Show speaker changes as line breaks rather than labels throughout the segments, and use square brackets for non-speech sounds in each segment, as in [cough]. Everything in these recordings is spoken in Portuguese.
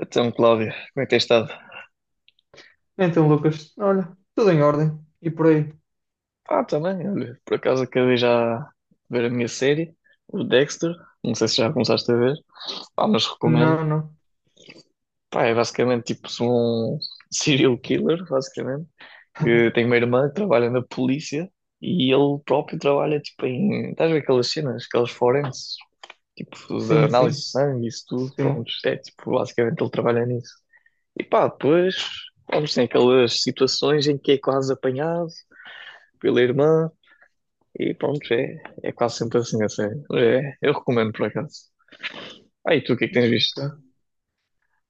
Então, Cláudia, como é que tens estado?
Então, Lucas, olha, tudo em ordem. E por aí?
Ah, também, olha, por acaso acabei já de ver a minha série, o Dexter, não sei se já começaste a ver, ah, mas recomendo.
Não, não.
Pá, é basicamente tipo um serial killer, basicamente, que tem
[laughs]
uma irmã que trabalha na polícia e ele próprio trabalha tipo em, estás a ver aquelas cenas, aquelas forenses, tipo da
Sim,
análise
sim,
de sangue, isso tudo,
sim.
pronto, é tipo, basicamente ele trabalha nisso. E pá, depois, vamos, tem aquelas situações em que é quase apanhado pela irmã. E pronto, é quase sempre assim, a sério. É, eu recomendo por acaso. Ah, e tu o que é que tens visto?
Ok.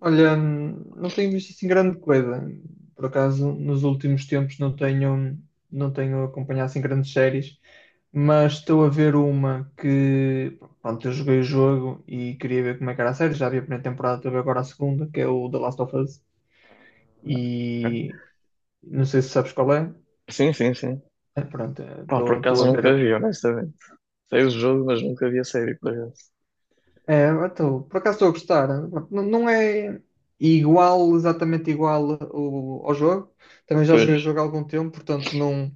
Olha, não tenho visto assim grande coisa. Por acaso, nos últimos tempos não tenho acompanhado assim grandes séries, mas estou a ver uma que, pronto, eu joguei o jogo e queria ver como é que era a série. Já vi a primeira temporada, estou a ver agora a segunda, que é o The Last of Us.
Ok.
E não sei se sabes qual é.
Sim, sim, sim.
É, pronto,
Pá, por
estou
acaso
a ver.
nunca vi, honestamente. Sei o jogo, mas nunca vi a série, por acaso.
É, então, por acaso estou a gostar. Não, não é igual, exatamente igual ao jogo. Também já
Pois,
joguei o jogo há algum tempo, portanto não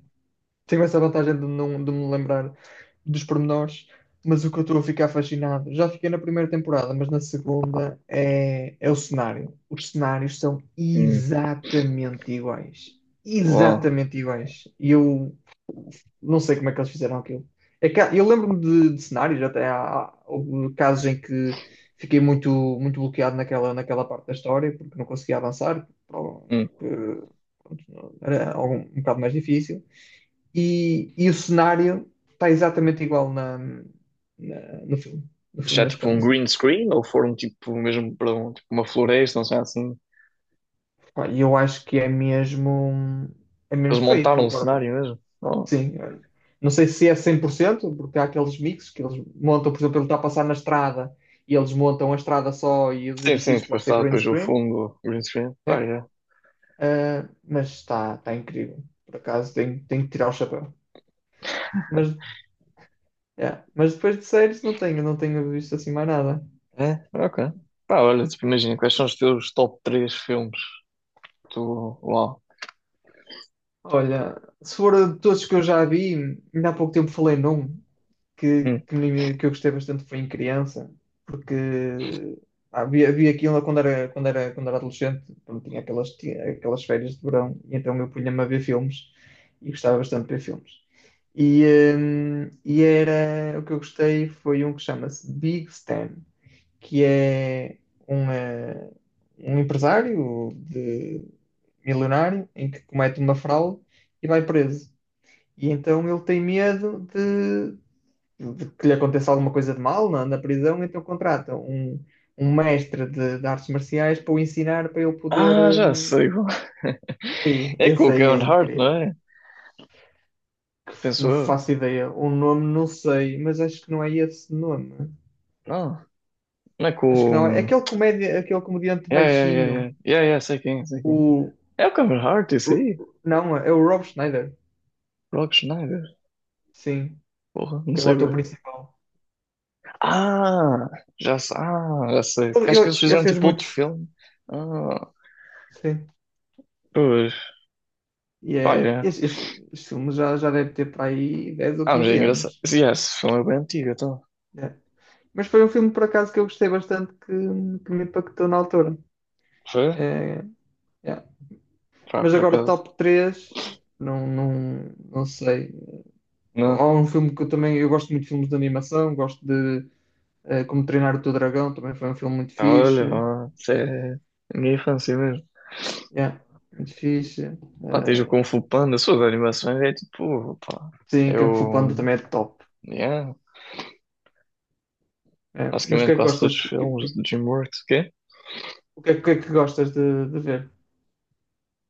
tenho essa vantagem de, não, de me lembrar dos pormenores. Mas o que eu estou a ficar fascinado, já fiquei na primeira temporada, mas na segunda é o cenário. Os cenários são
hum,
exatamente iguais.
bom.
Exatamente iguais. E eu não sei como é que eles fizeram aquilo. É que eu lembro-me de cenários, até há, há houve casos em que fiquei muito, muito bloqueado naquela parte da história, porque não conseguia avançar,
Hum.
porque pronto, era algum, um bocado mais difícil. E o cenário está exatamente igual na, no filme. No filme,
Já
neste
tipo um
caso.
green screen ou foram tipo mesmo para um, tipo, uma floresta, não sei assim.
Pá, e eu acho que é mesmo,
Eles
feito.
montaram um
Agora,
cenário mesmo. Oh.
sim, não sei se é 100% porque há aqueles mixes que eles montam, por exemplo, ele está a passar na estrada e eles montam a estrada só e os
Sim, sim,
edifícios
depois
podem ser
está
green
depois o
screen,
fundo, green screen. Pá,
né?
é.
Ah, mas está incrível. Por acaso tenho que tirar o chapéu. Mas, mas depois de séries não tenho visto assim mais nada.
É, ok. Pá, olha, tipo, imagina, quais são os teus top 3 filmes? Tu, uau.
Olha, se for de todos que eu já vi, ainda há pouco tempo falei num que eu gostei bastante foi em criança, porque havia aquilo quando era adolescente, quando tinha aquelas férias de verão, e então eu punha-me a ver filmes e gostava bastante de ver filmes. E, e era o que eu gostei foi um que chama-se Big Stan, que é um, eh, um empresário de milionário em que comete uma fraude e vai preso. E então ele tem medo de que lhe aconteça alguma coisa de mal na prisão, então contrata um mestre de artes marciais para o ensinar, para ele poder.
Ah, já sei. Qual- [laughs]
E
É com
esse
o
aí é
Kevin Hart, não
incrível.
é?
Que
Penso
não
eu.
faço ideia. O nome não sei, mas acho que não é esse nome.
Não, não é
Acho que não é.
com.
Aquele comediante
É, é,
baixinho.
é, é. É, é, sei quem, sei quem.
O.
É o Kevin Hart, isso
o-
aí.
Não, é o Rob Schneider.
Rock Schneider.
Sim,
Porra, não
que é o
sei,
ator
bro.
principal.
Ah, já sei. Ah, já sei. Porque
Ele,
acho que eles
ele, ele
fizeram
fez
tipo outro
muitos.
filme. Ah,
Sim.
pois.
E
Pá,
é,
é.
este, este, este filme já deve ter para aí 10 ou
Ah, mas é
15 anos.
engraçado. Sim, é, esse filme é bem antigo, então.
É. Mas foi um filme, por acaso, que eu gostei bastante, que me impactou na altura.
Foi?
É, yeah.
Pá,
Mas
por
agora,
acaso.
top 3 não, não, não sei.
Não.
Há um filme que eu também. Eu gosto muito de filmes de animação, gosto de Como Treinar o Teu Dragão, também foi um filme muito
Olha,
fixe.
mano, isso é a minha infância mesmo.
Yeah, muito fixe.
Pá, tens o Kung Fu Panda, suas animações é tipo, pá,
Sim, Kung Fu Panda
eu,
também é top.
yeah,
É, mas o
basicamente
que é que
quase todos
gostas?
os
O que, que,
filmes do DreamWorks, que é?
O que é que gostas de ver?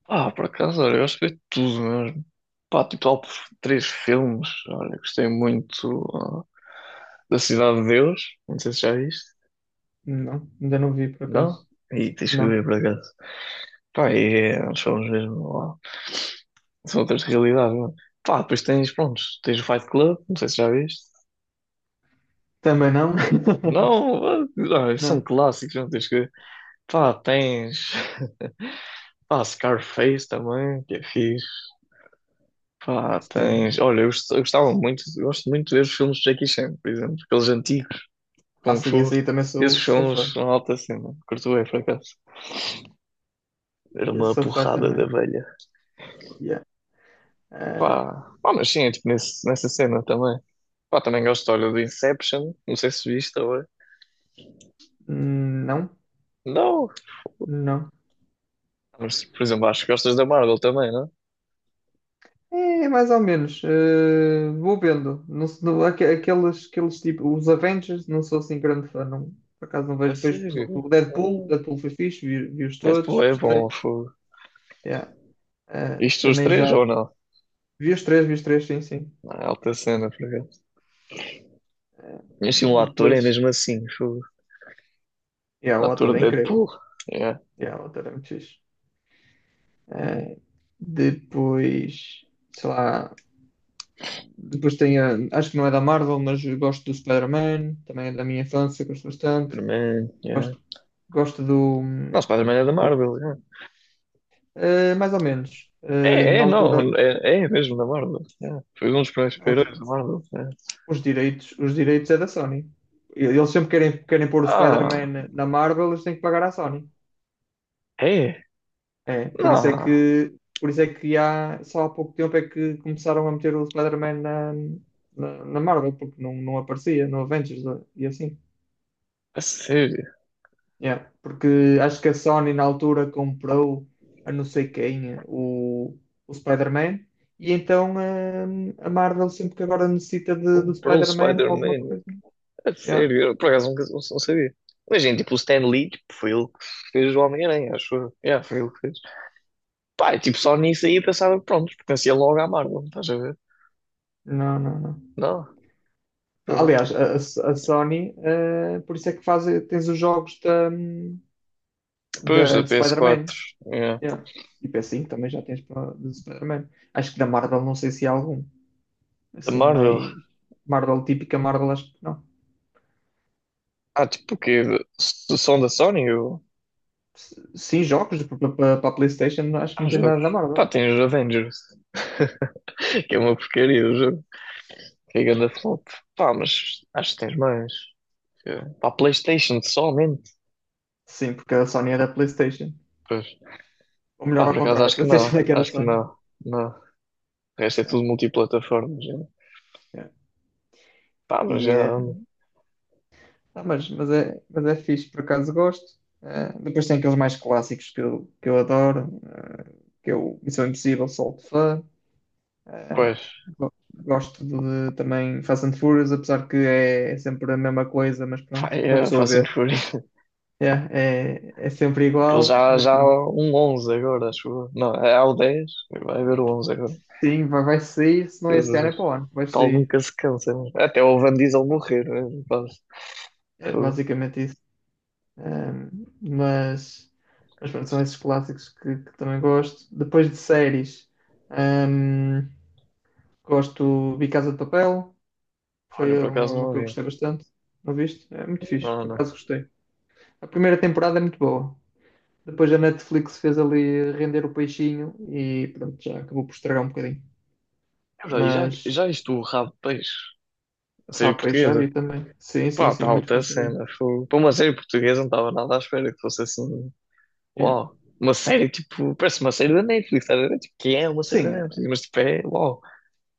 Ah, por acaso, olha, eu gosto de ver tudo mesmo. Pá, tipo, lá três filmes, olha, gostei muito ah, da Cidade de Deus, não sei se já viste,
Não, ainda não vi por
não?
acaso.
E tens que ver
Não.
por acaso. Pá, e é, uns filmes mesmo, ó, são outras realidades, mano. Pá, depois tens, pronto, tens o Fight Club, não sei se já viste.
Também não? [laughs]
Não, ah, ah, são
Não.
clássicos, não tens que ver. Pá, tens. Pá, Scarface também, que é fixe. Pá,
Sim.
tens. Olha, eu gostava muito, eu gosto muito de ver os filmes de Jackie Chan, por exemplo, aqueles antigos,
Ah,
Kung
sim,
Fu.
esse aí também
Esses
sou
filmes
fã.
são alta cena, curto bem, por acaso. Era
E eu
uma
sou fã
porrada de
também.
abelha.
Yeah. Eh,
Pá, pá, mas sim, é tipo nessa cena também. Pá, também gosto, olha, do Inception, não sei se viste agora.
não,
Não,
não.
mas por exemplo, acho que gostas da Marvel também, não?
É, mais ou menos. Vou vendo. Não, aqueles tipo, os Avengers, não sou assim grande fã. Não, por acaso não
A
vejo. Vejo, por
sério?
exemplo, o Deadpool.
Ah,
Deadpool foi fixe, vi-os
Deadpool
todos,
é
gostei.
bom, fogo.
Yeah.
Isto os
Também
três
já
ou não?
vi os três, sim, sim.
Ah, alta cena, por acaso. Mas sim, o ator é
Depois,
mesmo assim. Fogo.
yeah,
O
o
ator
ator
de
é incrível.
Deadpool. Yeah.
Yeah, o ator é muito fixe. Eh, depois, sei lá. Depois tem acho que não é da Marvel, mas eu gosto do Spider-Man, também é da minha infância, gosto bastante.
Spider-Man. Yeah.
Gosto, gosto
Não, Spider-Man é da
do-
Marvel. Yeah.
mais ou menos.
É,
Na
é, não.
altura,
É, é mesmo da Marvel. Yeah. Foi um dos primeiros heróis da
os,
Marvel. Yeah.
os direitos é da Sony. Eles sempre querem pôr o
Ah,
Spider-Man na Marvel, eles têm que pagar à Sony.
é.
É, por isso é
Não,
que, por isso é que só há pouco tempo é que começaram a meter o Spider-Man na Marvel, porque não aparecia no Avengers e assim.
a sério.
Yeah, porque acho que a Sony na altura comprou a não sei quem o Spider-Man e então a Marvel sempre que agora necessita do
Comprou o
Spider-Man para alguma
Spider-Man.
coisa.
A
Yeah.
sério. Eu, por acaso nunca- não, não sabia. Mas, gente, tipo, o Stan Lee, tipo, foi ele que fez o Homem-Aranha, acho eu. Yeah, foi ele que fez. Pá, e, tipo, só nisso aí eu pensava, pronto, pertencia logo à Marvel, estás a ver?
Não, não, não.
Não. Pronto.
Aliás, a, a Sony, por isso é que faz, tens os jogos
Depois da
de Spider-Man.
PS4. Yeah.
Yeah. E PS5 também já tens de Spider-Man. Acho que da Marvel não sei se há algum.
Da
Assim,
Marvel?
mais Marvel típica, Marvel acho que não.
Ah, tipo o quê? Se são da Sony? Ou...
Sim, jogos para a PlayStation, acho que
Há
não tens
jogos.
nada da
Pá,
Marvel.
tem os Avengers. [laughs] Que é uma porcaria o jogo. Que é ganda
Pronto.
flop. Pá, mas acho que tens mais. Que- é, pá, PlayStation somente.
Sim, porque a Sony era a PlayStation.
Pois.
Ou melhor,
Pá, por
ao
acaso
contrário, a
acho que não.
PlayStation é que era a
Acho que
Sony.
não. Não. O resto é
Yeah,
tudo multiplataformas. Né?
yeah.
Pá, mas
E,
já.
eh, mas é fixe, por acaso gosto. Depois tem aqueles mais clássicos que eu adoro, Missão Impossível, sou de fã. Eh,
Pois.
gosto de, também Fast and Furious, apesar que é sempre a mesma coisa, mas
Pá,
pronto, uma
é
pessoa vê.
Assassin's Creed.
Yeah, é sempre
Aquilo [laughs]
igual,
já,
mas
já
pronto.
há um 11 agora, acho eu. Não, é há o 10. Vai haver o 11 agora.
Sim, vai sair, se não é este ano,
Jesus.
é para o ano.
O
Vai
pessoal
sair.
nunca se cansa. Né? Até o Van Diesel morrer, né? Rapaz,
É
fogo.
basicamente isso. Ahm, mas, mas pronto, são esses clássicos que também gosto. Depois de séries, ahm, gosto de Casa de Papel.
Olha,
Foi
por
uma,
acaso
uma
não
que eu
vi.
gostei bastante. Não viste? É muito fixe,
Não,
por acaso
não.
gostei. A primeira temporada é muito boa. Depois a Netflix fez ali render o peixinho e pronto, já acabou por estragar um bocadinho.
É verdade, e já,
Mas,
já isto o Rabo de Peixe, a série
rapaz, já
portuguesa.
vi também. Sim, sim,
Pá, está
sim, muito
alta a
bom também.
cena. Fogo. Para uma série portuguesa não estava nada à espera que fosse assim.
Yeah.
Uau. Uma série tipo, parece uma série da Netflix, estás a ver? Tipo, que é uma série da
Sim,
Netflix, mas tipo, é, uau,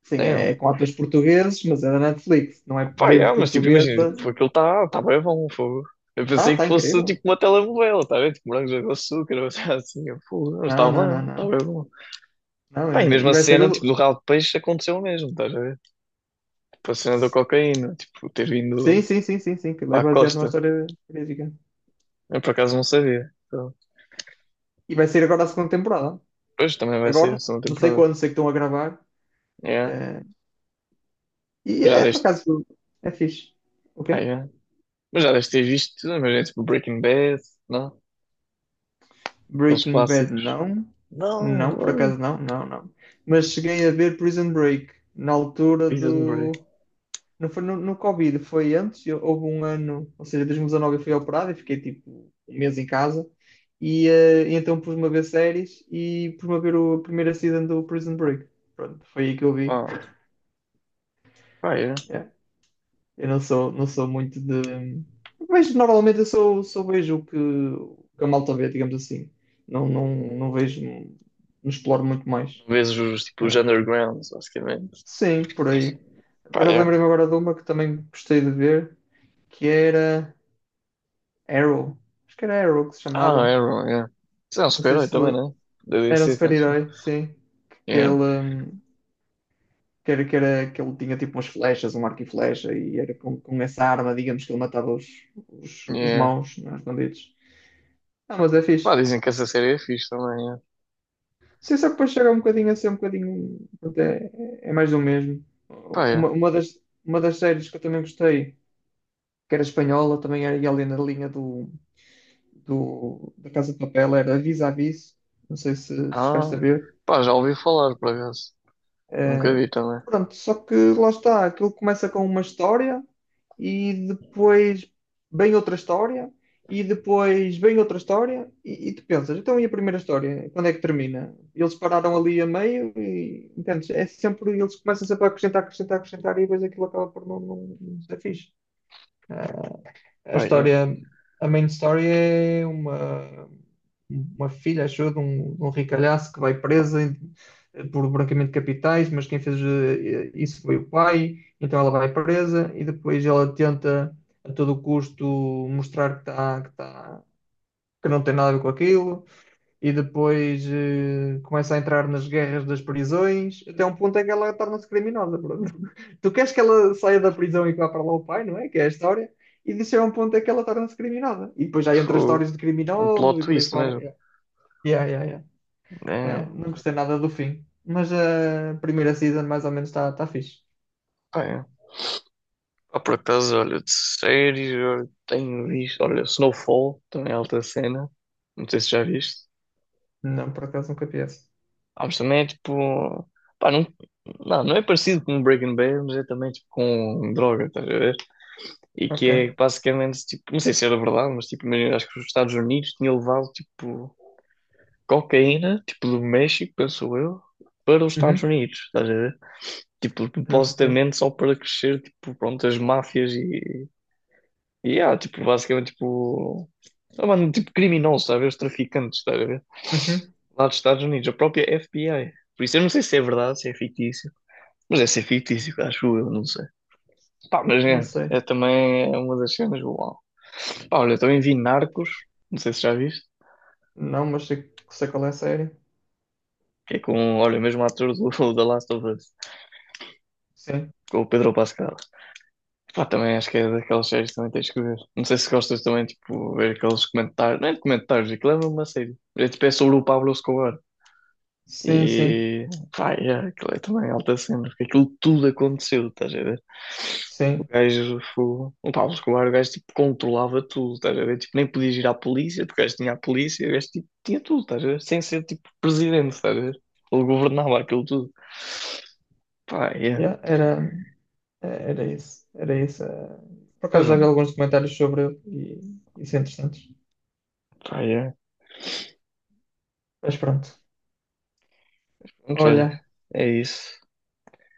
sim,
damn.
é com atores portugueses, mas é da Netflix. Não é
Pá, é,
bem
mas tipo, imagina,
portuguesa.
tipo, aquilo está tá bem bom, fogo. Eu
Ah,
pensei
tá
que fosse
incrível.
tipo uma telenovela, tá a ver? Tipo, morangos com açúcar, ou seja, assim, eu, fogo, não,
Não, não, não,
está
não.
bem bom.
Não,
Pá, e mesmo
e
a
vai ser
cena, tipo, do
o.
ralo de peixe aconteceu o mesmo, estás a ver? Tipo, a cena da cocaína, tipo, ter
Sim,
vindo
sim, sim, sim, sim. Que é
à
baseado numa
costa.
história verídica.
Eu, por acaso, não sabia. Então,
E vai ser agora a segunda temporada.
pois, também vai ser a
Agora,
segunda
não sei
temporada.
quando, sei que estão a gravar.
Yeah.
É, e
Já
é por
deste,
acaso. É fixe. O quê?
pá, yeah. Mas já deste ter visto, imagina, tipo, Breaking Bad, não? Aqueles
Breaking Bad,
clássicos.
não.
Não,
Não, por
oi,
acaso não, não, não. Mas cheguei a ver Prison Break na altura
Prison Break.
do. Não foi no Covid, foi antes, houve um ano, ou seja, 2019 eu fui operado e fiquei tipo um mês em casa. E então pus-me a ver séries e pus-me a ver o primeiro season do Prison Break. Pronto, foi aí que eu vi.
Ah, pá, yeah.
Yeah. Eu não sou muito de. Mas normalmente eu sou, sou vejo o que a malta vê, digamos assim. Não, não, não vejo, não exploro muito mais.
Vês os, tipo, os
Ah,
undergrounds, basicamente.
sim, por aí. Por
Pá,
acaso
yeah.
lembrei-me agora de uma que também gostei de ver, que era. Arrow. Acho que era Arrow que se
Ah,
chamava.
Arrow, yeah. Isso é um
Não sei
super-herói
se
também, né? Da
era um
DC, então, se for.
super-herói, sim. Que
Yeah,
que era que ele tinha tipo umas flechas, um arco e flecha, e era com essa arma, digamos, que ele matava os
yeah.
maus, né, os bandidos. Ah, mas é
Pá,
fixe.
dizem que essa série é fixe também, yeah.
Sim, só que depois chega um bocadinho a ser um bocadinho. Até é mais do mesmo.
Pá,
Uma,
yeah.
uma, das, uma das séries que eu também gostei, que era espanhola, também era e ali na linha da Casa de Papel, era Vis a Vis. Não sei se chegaste
Ah,
a ver.
pá, já ouvi falar, por acaso. Nunca
Eh,
vi também.
pronto, só que lá está, aquilo começa com uma história e depois vem outra história e depois vem outra história e tu pensas, então e a primeira história? Quando é que termina? Eles pararam ali a meio e entendes? É sempre, eles começam sempre a acrescentar, acrescentar, acrescentar e depois aquilo acaba por não, não, não ser fixe. A
Pá, é.
história, a main story é uma filha, acho eu, de um ricalhaço que vai presa por branqueamento de capitais, mas quem fez isso foi o pai, então ela vai presa e depois ela tenta a todo custo mostrar que, tá, que não tem nada a ver com aquilo e depois começa a entrar nas guerras das prisões, até um ponto em que ela torna-se criminosa. Pronto. [laughs] Tu queres que ela saia da prisão e que vá para lá o pai, não é? Que é a história. E disso é um ponto em que ela torna-se criminosa. E depois já entra
Fogo.
histórias de
Um
criminosos
plot
e por aí
twist
fora.
mesmo.
Yeah. Yeah, yeah, yeah.
É,
Não gostei nada do fim. Mas a primeira season mais ou menos está tá fixe.
pá, é. Ah, por acaso, olha, de séries, eu tenho visto. Olha, Snowfall, também é alta cena. Não sei se já viste.
Não, por acaso nunca vi essa.
Ah, mas também é tipo. Pá, não, não é parecido com Breaking Bad, mas é também tipo com droga, estás a ver? E que
Ok.
é basicamente tipo. Não sei se era verdade, mas tipo, imagina, acho que os Estados Unidos tinham levado tipo. Cocaína, tipo do México, penso eu, para os Estados
Uhum.
Unidos, estás a ver? Tipo,
Ok.
supostamente só para crescer, tipo, pronto, as máfias e ah, tipo, basicamente, tipo, ah, mano, tipo, criminosos, estás a ver? Os traficantes, estás a ver?
Uhum.
Lá dos Estados Unidos, a própria FBI. Por isso eu não sei se é verdade, se é fictício, mas é ser fictício, acho eu, não sei. Pá,
Não sei.
é também é uma das cenas, uau. Pá, olha, eu também vi Narcos, não sei se já viste,
Não, mas sei qual é a série.
que é com, olha, o mesmo ator do, [laughs] da Last of Us,
Sim.
com o Pedro Pascal. Pá, também acho que é daquelas séries que também tens que ver. Não sei se gostas também, tipo, ver aqueles comentários. Não é de comentários, aquilo é mesmo uma série. É, tipo, é sobre o Pablo Escobar.
Sim, sim.
E, pá, é, aquilo é também alta cena, porque aquilo tudo aconteceu, estás a ver? O
Sim.
gajo, fo- o Pablo Escobar, o gajo, tipo, controlava tudo, estás a ver? Tipo, nem podias ir à polícia, porque o gajo tinha a polícia, o gajo, tipo, tinha tudo, estás a ver? Sem ser, tipo, presidente, estás a ver? Ele governava aquilo tudo. Pá, é,
Yeah, era isso. Era isso. Eh. Por acaso já
mesmo,
vi alguns documentários sobre ele e isso é interessante.
pá, é.
Mas pronto.
Mas olha,
Olha,
é isso.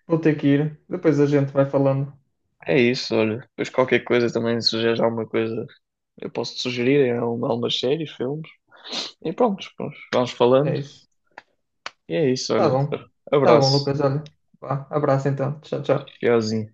vou ter que ir. Depois a gente vai falando.
É isso, olha. Depois qualquer coisa também, se sugeres alguma coisa, eu posso te sugerir em algumas séries, filmes. E pronto, pronto, vamos
É
falando.
isso.
E é isso,
Tá
olha.
bom. Tá bom,
Abraço.
Lucas. Olha. Vá, abraço então. Tchau, tchau.
Tchauzinho.